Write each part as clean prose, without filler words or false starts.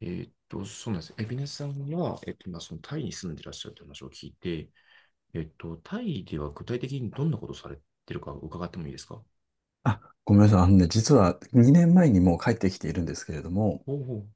そうなんです。エビネスさんは、今、そのタイに住んでらっしゃるという話を聞いて、タイでは具体的にどんなことをされてるか伺ってもいいですか？あ、ごめんなさい。あのね、実は2年前にもう帰ってきているんですけれども、おおう。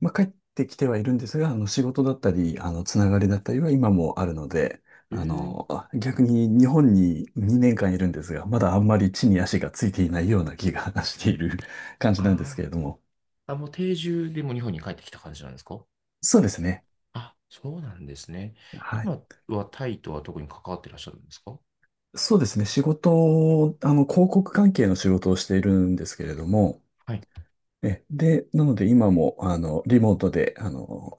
まあ、帰ってきてはいるんですが、あの仕事だったり、あのつながりだったりは今もあるので、えあー、の、逆に日本に2年間いるんですが、まだあんまり地に足がついていないような気が している 感じなんですけあれども。ーあ、もう定住でも日本に帰ってきた感じなんですか？そうですね。あ、そうなんですね。はい。今はタイとは特に関わってらっしゃるんですか？そうですね。仕事を、広告関係の仕事をしているんですけれども、はい。で、なので今も、リモートで、あの、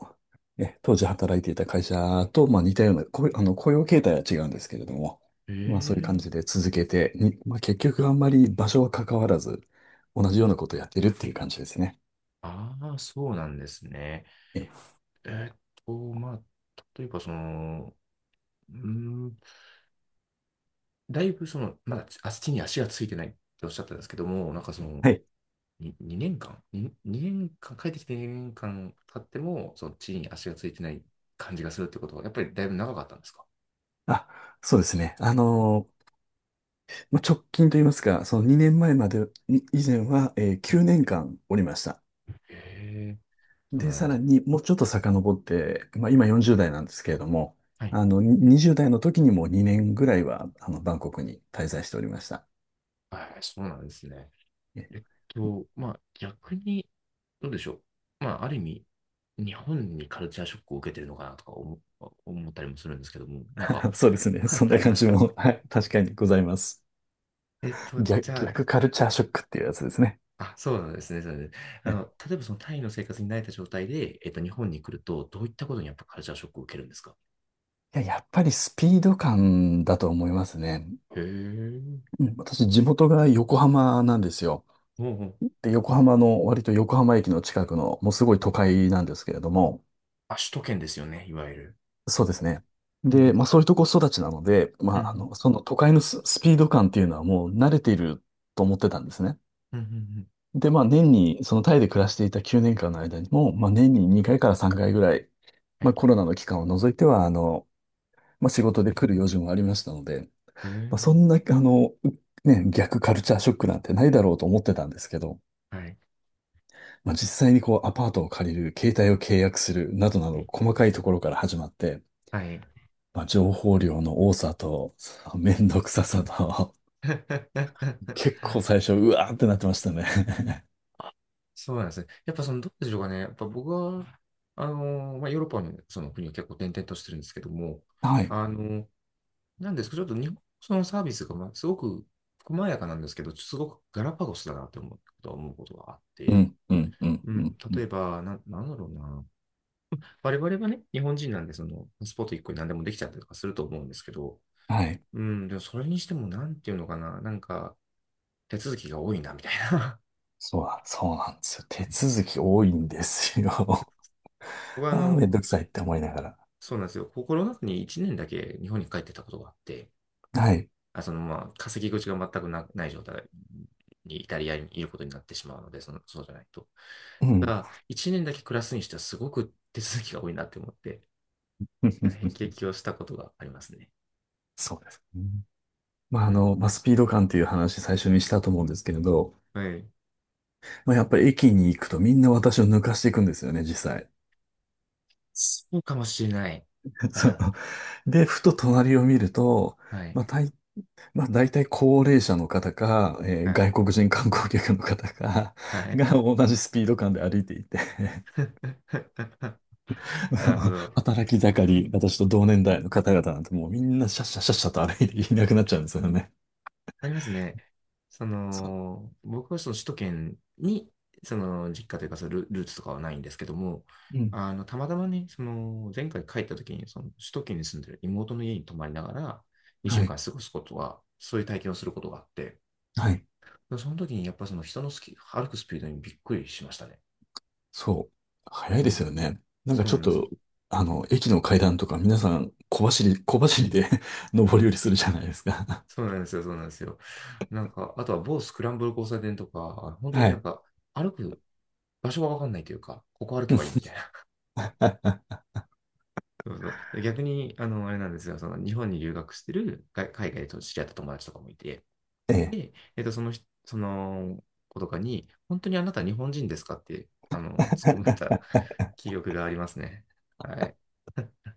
え、当時働いていた会社と、まあ似たような、雇用形態は違うんですけれども、えまあそういう感ー、じで続けて、まあ結局あんまり場所は関わらず、同じようなことをやってるっていう感じですね。ああ、そうなんですね。え、えーっまあ、例えばその、うーだいぶその、まだ足に足がついてないっておっしゃったんですけども、なんかその、はい。に2年間、帰ってきて2年間経っても、その地に足がついてない感じがするってことは、やっぱりだいぶ長かったんですか？あ、そうですね。まあ直近といいますか、その2年前まで、以前は、は9い。年間おりました。へえ、そうで、なんさですらね。にもうちょっと遡って、まあ、今40代なんですけれども、はい。あの、に20代の時にも2年ぐらいは、バンコクに滞在しておりました。はい、そうなんですね。え まあ逆に、どうでしょう。まあある意味、日本にカルチャーショックを受けてるのかなとか思ったりもするんですけども、なんか。そうですね。そ んあなりま感すじか？も、はい、確かにございます。逆、じゃあ。逆カルチャーショックっていうやつですね。あ、そうなんですね。そうなんですね。あえの、例えばそのタイの生活に慣れた状態で、日本に来ると、どういったことにやっぱカルチャーショックを受けるんですか？いや、やっぱりスピード感だと思いますね。へえ。うん、私、地元が横浜なんですよ。おうおう。で、横浜の、割と横浜駅の近くの、もうすごい都会なんですけれども、あ、首都圏ですよね、いわゆる。そうですね。うんうで、まあん。そういうとこ育ちなので、まうああんの、その都会のスピード感っていうのはもう慣れていると思ってたんですね。うんうんうんうん、で、まあ年に、そのタイで暮らしていた9年間の間にも、まあ年に2回から3回ぐらい、はまい。あコロナの期間を除いては、まあ仕事で来る用事もありましたので、へまあそえ。んな、ね、逆カルチャーショックなんてないだろうと思ってたんですけど、はい。まあ、実際にこうアパートを借りる、携帯を契約するなどなはどい。細かいところから始まって、はい。まあ、情報量の多さと、そのめんどくささと、結 構最初、うわーってなってましたね。そうなんですね。やっぱその、どうでしょうかね。やっぱ僕は、まあ、ヨーロッパのその国を結構転々としてるんですけども、はい。あのーなんですけど、ちょっと日本そのサービスが、まあ、すごく細やかなんですけど、すごくガラパゴスだなって思うことがあっうて、ん、うん、うん、ううん。ん、う例ん、えば、なんだろうな。我々はね、日本人なんで、その、パスポート1個に何でもできちゃったりとかすると思うんですけど、はい。うん、でもそれにしても、なんていうのかな、なんか、手続きが多いな、みたいな。そうだ、そうなんですよ。手続き多いんですよ。僕 は、ああ、めんどくさいって思いながら。そうなんですよ。コロナ禍に1年だけ日本に帰ってたことがあって、はい。あそのまあ、稼ぎ口が全くない状態にイタリアにいることになってしまうので、その、そうじゃないと。うたん。だ、1年だけ暮らすにしてはすごく手続きが多いなって思って、辟 易をしたことがありますね。そうですね。まあ、うん。まあ、スピード感っていう話最初にしたと思うんですけれど、はい。まあ、やっぱり駅に行くとみんな私を抜かしていくんですよね、実際。そうかもしれない。うそう。ん、で、ふと隣を見ると、はい。まあ、まあ、大体高齢者の方か、はい。外国人観光客の方か、は い。が同じスピード感で歩いていて、なるほ ど。働き盛り、私と同年代の方々なんてもうみんなシャッシャッシャッシャッと歩いていなくなっちゃうんですよね。ありますね。そそう。の、僕はその首都圏に、その実家というかそのルーツとかはないんですけども、うん。あの、たまたまね、その、前回帰った時に、その、首都圏に住んでる妹の家に泊まりながら、2は週い。間過ごすことは、そういう体験をすることがあって、はい。その時にやっぱその人の歩くスピードにびっくりしましたね。そう。早いうですん。よね。なんかそうちなょっんですよ。と、駅の階段とか皆さん小走り、小走りで 上り下りするじゃないですか。そうなんですよ、そうなんですよ。なんか、あとは某スクランブル交差点とか、本当にはなんい。か、歩く場所がわかんないというか、ここ歩 けうばいいん、みたいな。そうそう。逆に、あの、あれなんですよ、その日本に留学してる海外と知り合った友達とかもいて、ええ。で、その人、その子とかに、本当にあなた日本人ですかって、あの、突っ込まれた 記憶がありますね。はい。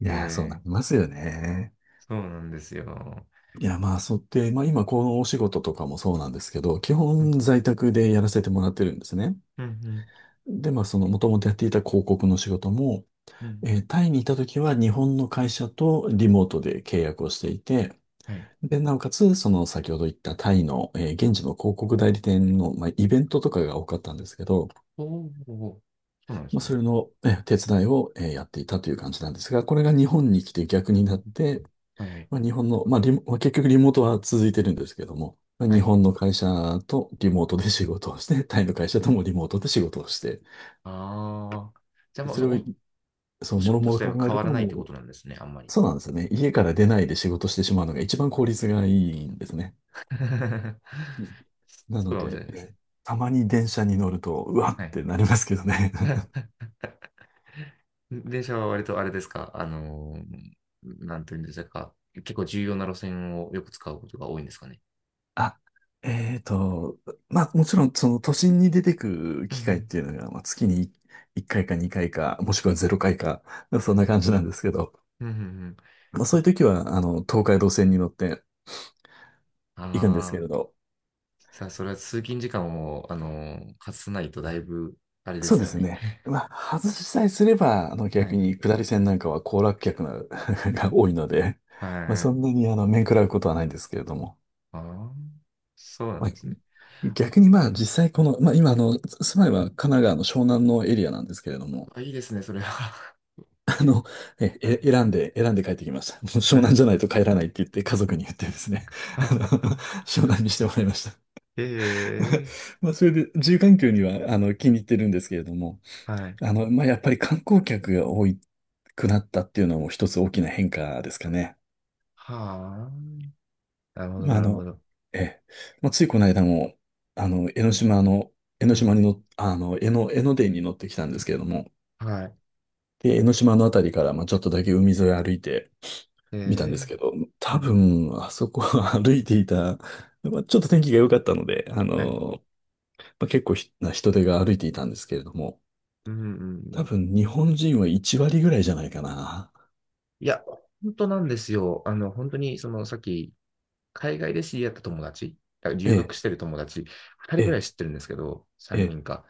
いえやー、そうなー、りますよね。そうなんですよ。いや、まあ、そうで、まあ今このお仕事とかもそうなんですけど、基うん、本在宅でやらせてもらってるんですね。うん、うん。で、まあその元々やっていた広告の仕事も、うん、タイにいた時は日本の会社とリモートで契約をしていて、はい。で、なおかつ、その先ほど言ったタイの、現地の広告代理店の、まあ、イベントとかが多かったんですけど、おーおー、そうなんでますあ、そね。れの、手伝いを、やっていたという感じなんですが、これが日本に来て逆にうなんっん、て、はい、はい。まあ、日本の、まあリモ、まあ結局リモートは続いてるんですけども、まあ、は日い。本の会社とリモートで仕事をして、タイの会社ともリモートで仕事をして、ああ。じゃあ、でもうそれを、そおう、仕もろ事も自ろ体は考え変るわと、らないっもてこう、となんですね、あんまり。そうなんですよね。家から出ないで仕事してしまうのが一番効率がいいんですね。なそうのかもしれで、ないですね。たまに電車に乗ると、うわはっい。てなりますけどね。電車は割とあれですか、なんていうんですか、結構重要な路線をよく使うことが多いんですかね。あ、えーと、まあもちろんその都心に出てくうんう機会っん。ていうのが、まあ、月に1回か2回かいか、もしくは0回かいか、そんはない。感じなんですけど、うんうんうん。まあそういうあ時は、東海道線に乗って行くんですけあれど、ー、さあ、それは通勤時間を、かさないとだいぶ、あれでそうすでよすね。ね。まあ、外しさえすれば、は逆い。に下り線なんかは行楽客な が多いので、まあ、はそい。んなに面食らうことはないんですけれども。ああ、そうなんまあ、ですね。逆にまあ実際この、まあ今住まいは神奈川の湘南のエリアなんですけれども、あ、いいですね、それは。あの、はい。選んで、選んで帰ってきました。もう湘南じゃないと帰らないって言って家族に言ってですね、あの、湘南にしてもらいました。ええ、まあそれで、住環境には気に入ってるんですけれども、はい。まあやっぱり観光客が多くなったっていうのも一つ大きな変化ですかね。はあ。なるほど、まあ、なるほど。ええ、まあ、ついこの間も、江ノ島の、江ノう島ん。にの、あの、江ノ、江ノ電に乗ってきたんですけれども、はい。で、江ノ島のあたりから、まあ、ちょっとだけ海沿い歩いてえみたんですえ、けど、う多ん。分、あそこは 歩いていた、まあ、ちょっと天気が良かったので、はい。まあ、結構人手が歩いていたんですけれども、うん、うんう多ん。分、日本人は1割ぐらいじゃないかな。いや、本当なんですよ。あの、本当に、その、さっき、海外で知り合った友達、だからえ留学え、してる友達、2人えぐらいえ、知ってるんですけど、え3え、人か。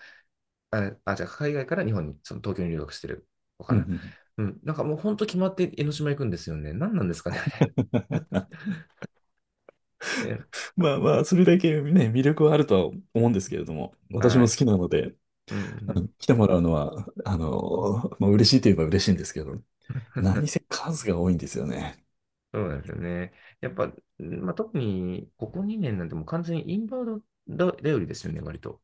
あ、じゃあ、海外から日本に、その東京に留学してる子かうん、うな。ん。うん。なんかもう本当決まって江ノ島行くんですよね。何なんですかね、あれ。あ、えまあまあ、それだけね、魅力はあるとは思うんですけれども、私はもい。好きなので、うん、ううん、ん。来てもらうのは、まあ、嬉しいといえば嬉しいんですけど、何せ数が多いんですよね。そうなんですよね。やっぱ、うんまあ、特にここ2年なんてもう完全にインバウンド頼りですよね、割と。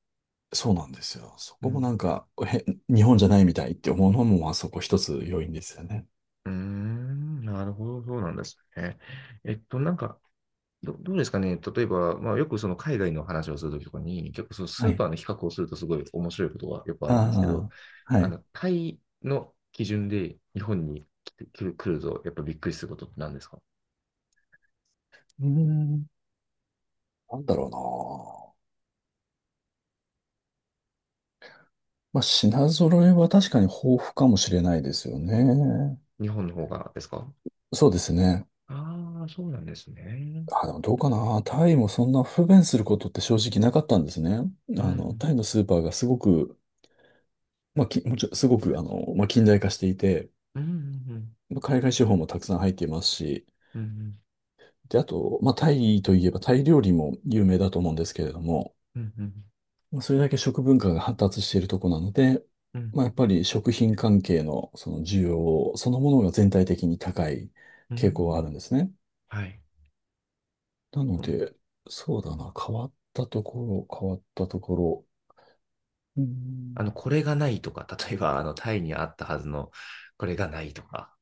そうなんですよ。そうこもなん。んか、日本じゃないみたいって思うのも、まあそこ一つ要因ですよね。うーん、なるほど、そうなんですね。なんか、どうですかね。例えば、まあ、よくその海外の話をするときとかに、結構そのスはーパーい。の比較をするとすごい面白いことがよくあるんですけど、ああ、はい。あうの、タイの基準で日本に来て、来ると、やっぱびっくりすることって何ですか？ーん、なんだろうな。まあ、品揃えは確かに豊富かもしれないですよね。日本の方がですか？そうですね。ああー、そうなんですね。あ、でもどうかな。タイもそんな不便することって正直なかったんですね。うん、タイのスーパーがすごくまあ、もちろん、すごく、まあ、近代化していて、うん、うん、まあ海外資本もたくさん入っていますし、うん、で、あと、まあ、タイといえば、タイ料理も有名だと思うんですけれども、うん、うん、うん、まあ、それだけ食文化が発達しているとこなので、うん、まあ、やっぱり食品関係のその需要そのものが全体的に高いう傾向ん、があるんですね。はい。なので、そうだな、変わったところ、変わったところ、うーあの、んこれがないとか、例えば、あの、タイにあったはずの、これがないとか。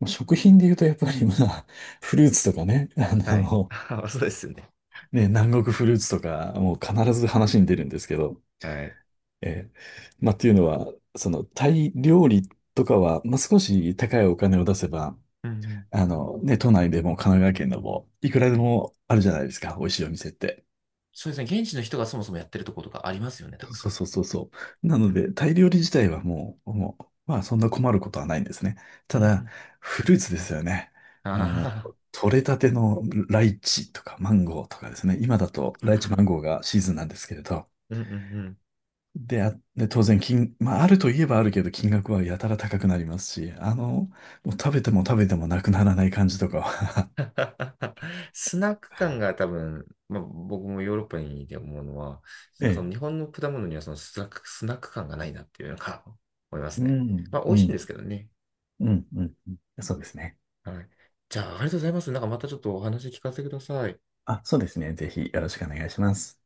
まあ食品で言うと、やっぱりまあ、フルーツとかね、はい。そうですよね。ね、南国フルーツとか、もう必ず話に出るんですけど、はい。えーまあ、っていうのは、その、タイ料理とかは、まあ、少し高いお金を出せば、うんうん。ね、都内でも神奈川県でも、いくらではい。もあるじゃないですか、美味しいお店って。そうですね。現地の人がそもそもやってるとことかありますよね、たくさそうん。そうそうそう。なうのん。で、タイ料理自体はもう、まあ、そんな困ることはないんですね。うたんうだ、ん。フルーツですよね。もう、あ取れたてのライチとかマンゴーとかですね。今だとライチマンあ。ゴーがシーズンなんですけれど、うんうんうん。で、当然まあ、あるといえばあるけど、金額はやたら高くなりますし、もう食べても食べてもなくならない感じとかは スナック感が多分、まあ、僕もヨーロッパにいて思うのは、えそのえ。日本の果物にはそのスナック感がないなっていうのが 思いますうね。ん、まあ、美う味しいんでん、すけどね。うん、うん。うん、そうですね。はい。じゃあ、ありがとうございます。なんかまたちょっとお話聞かせてください。あ、そうですね。ぜひよろしくお願いします。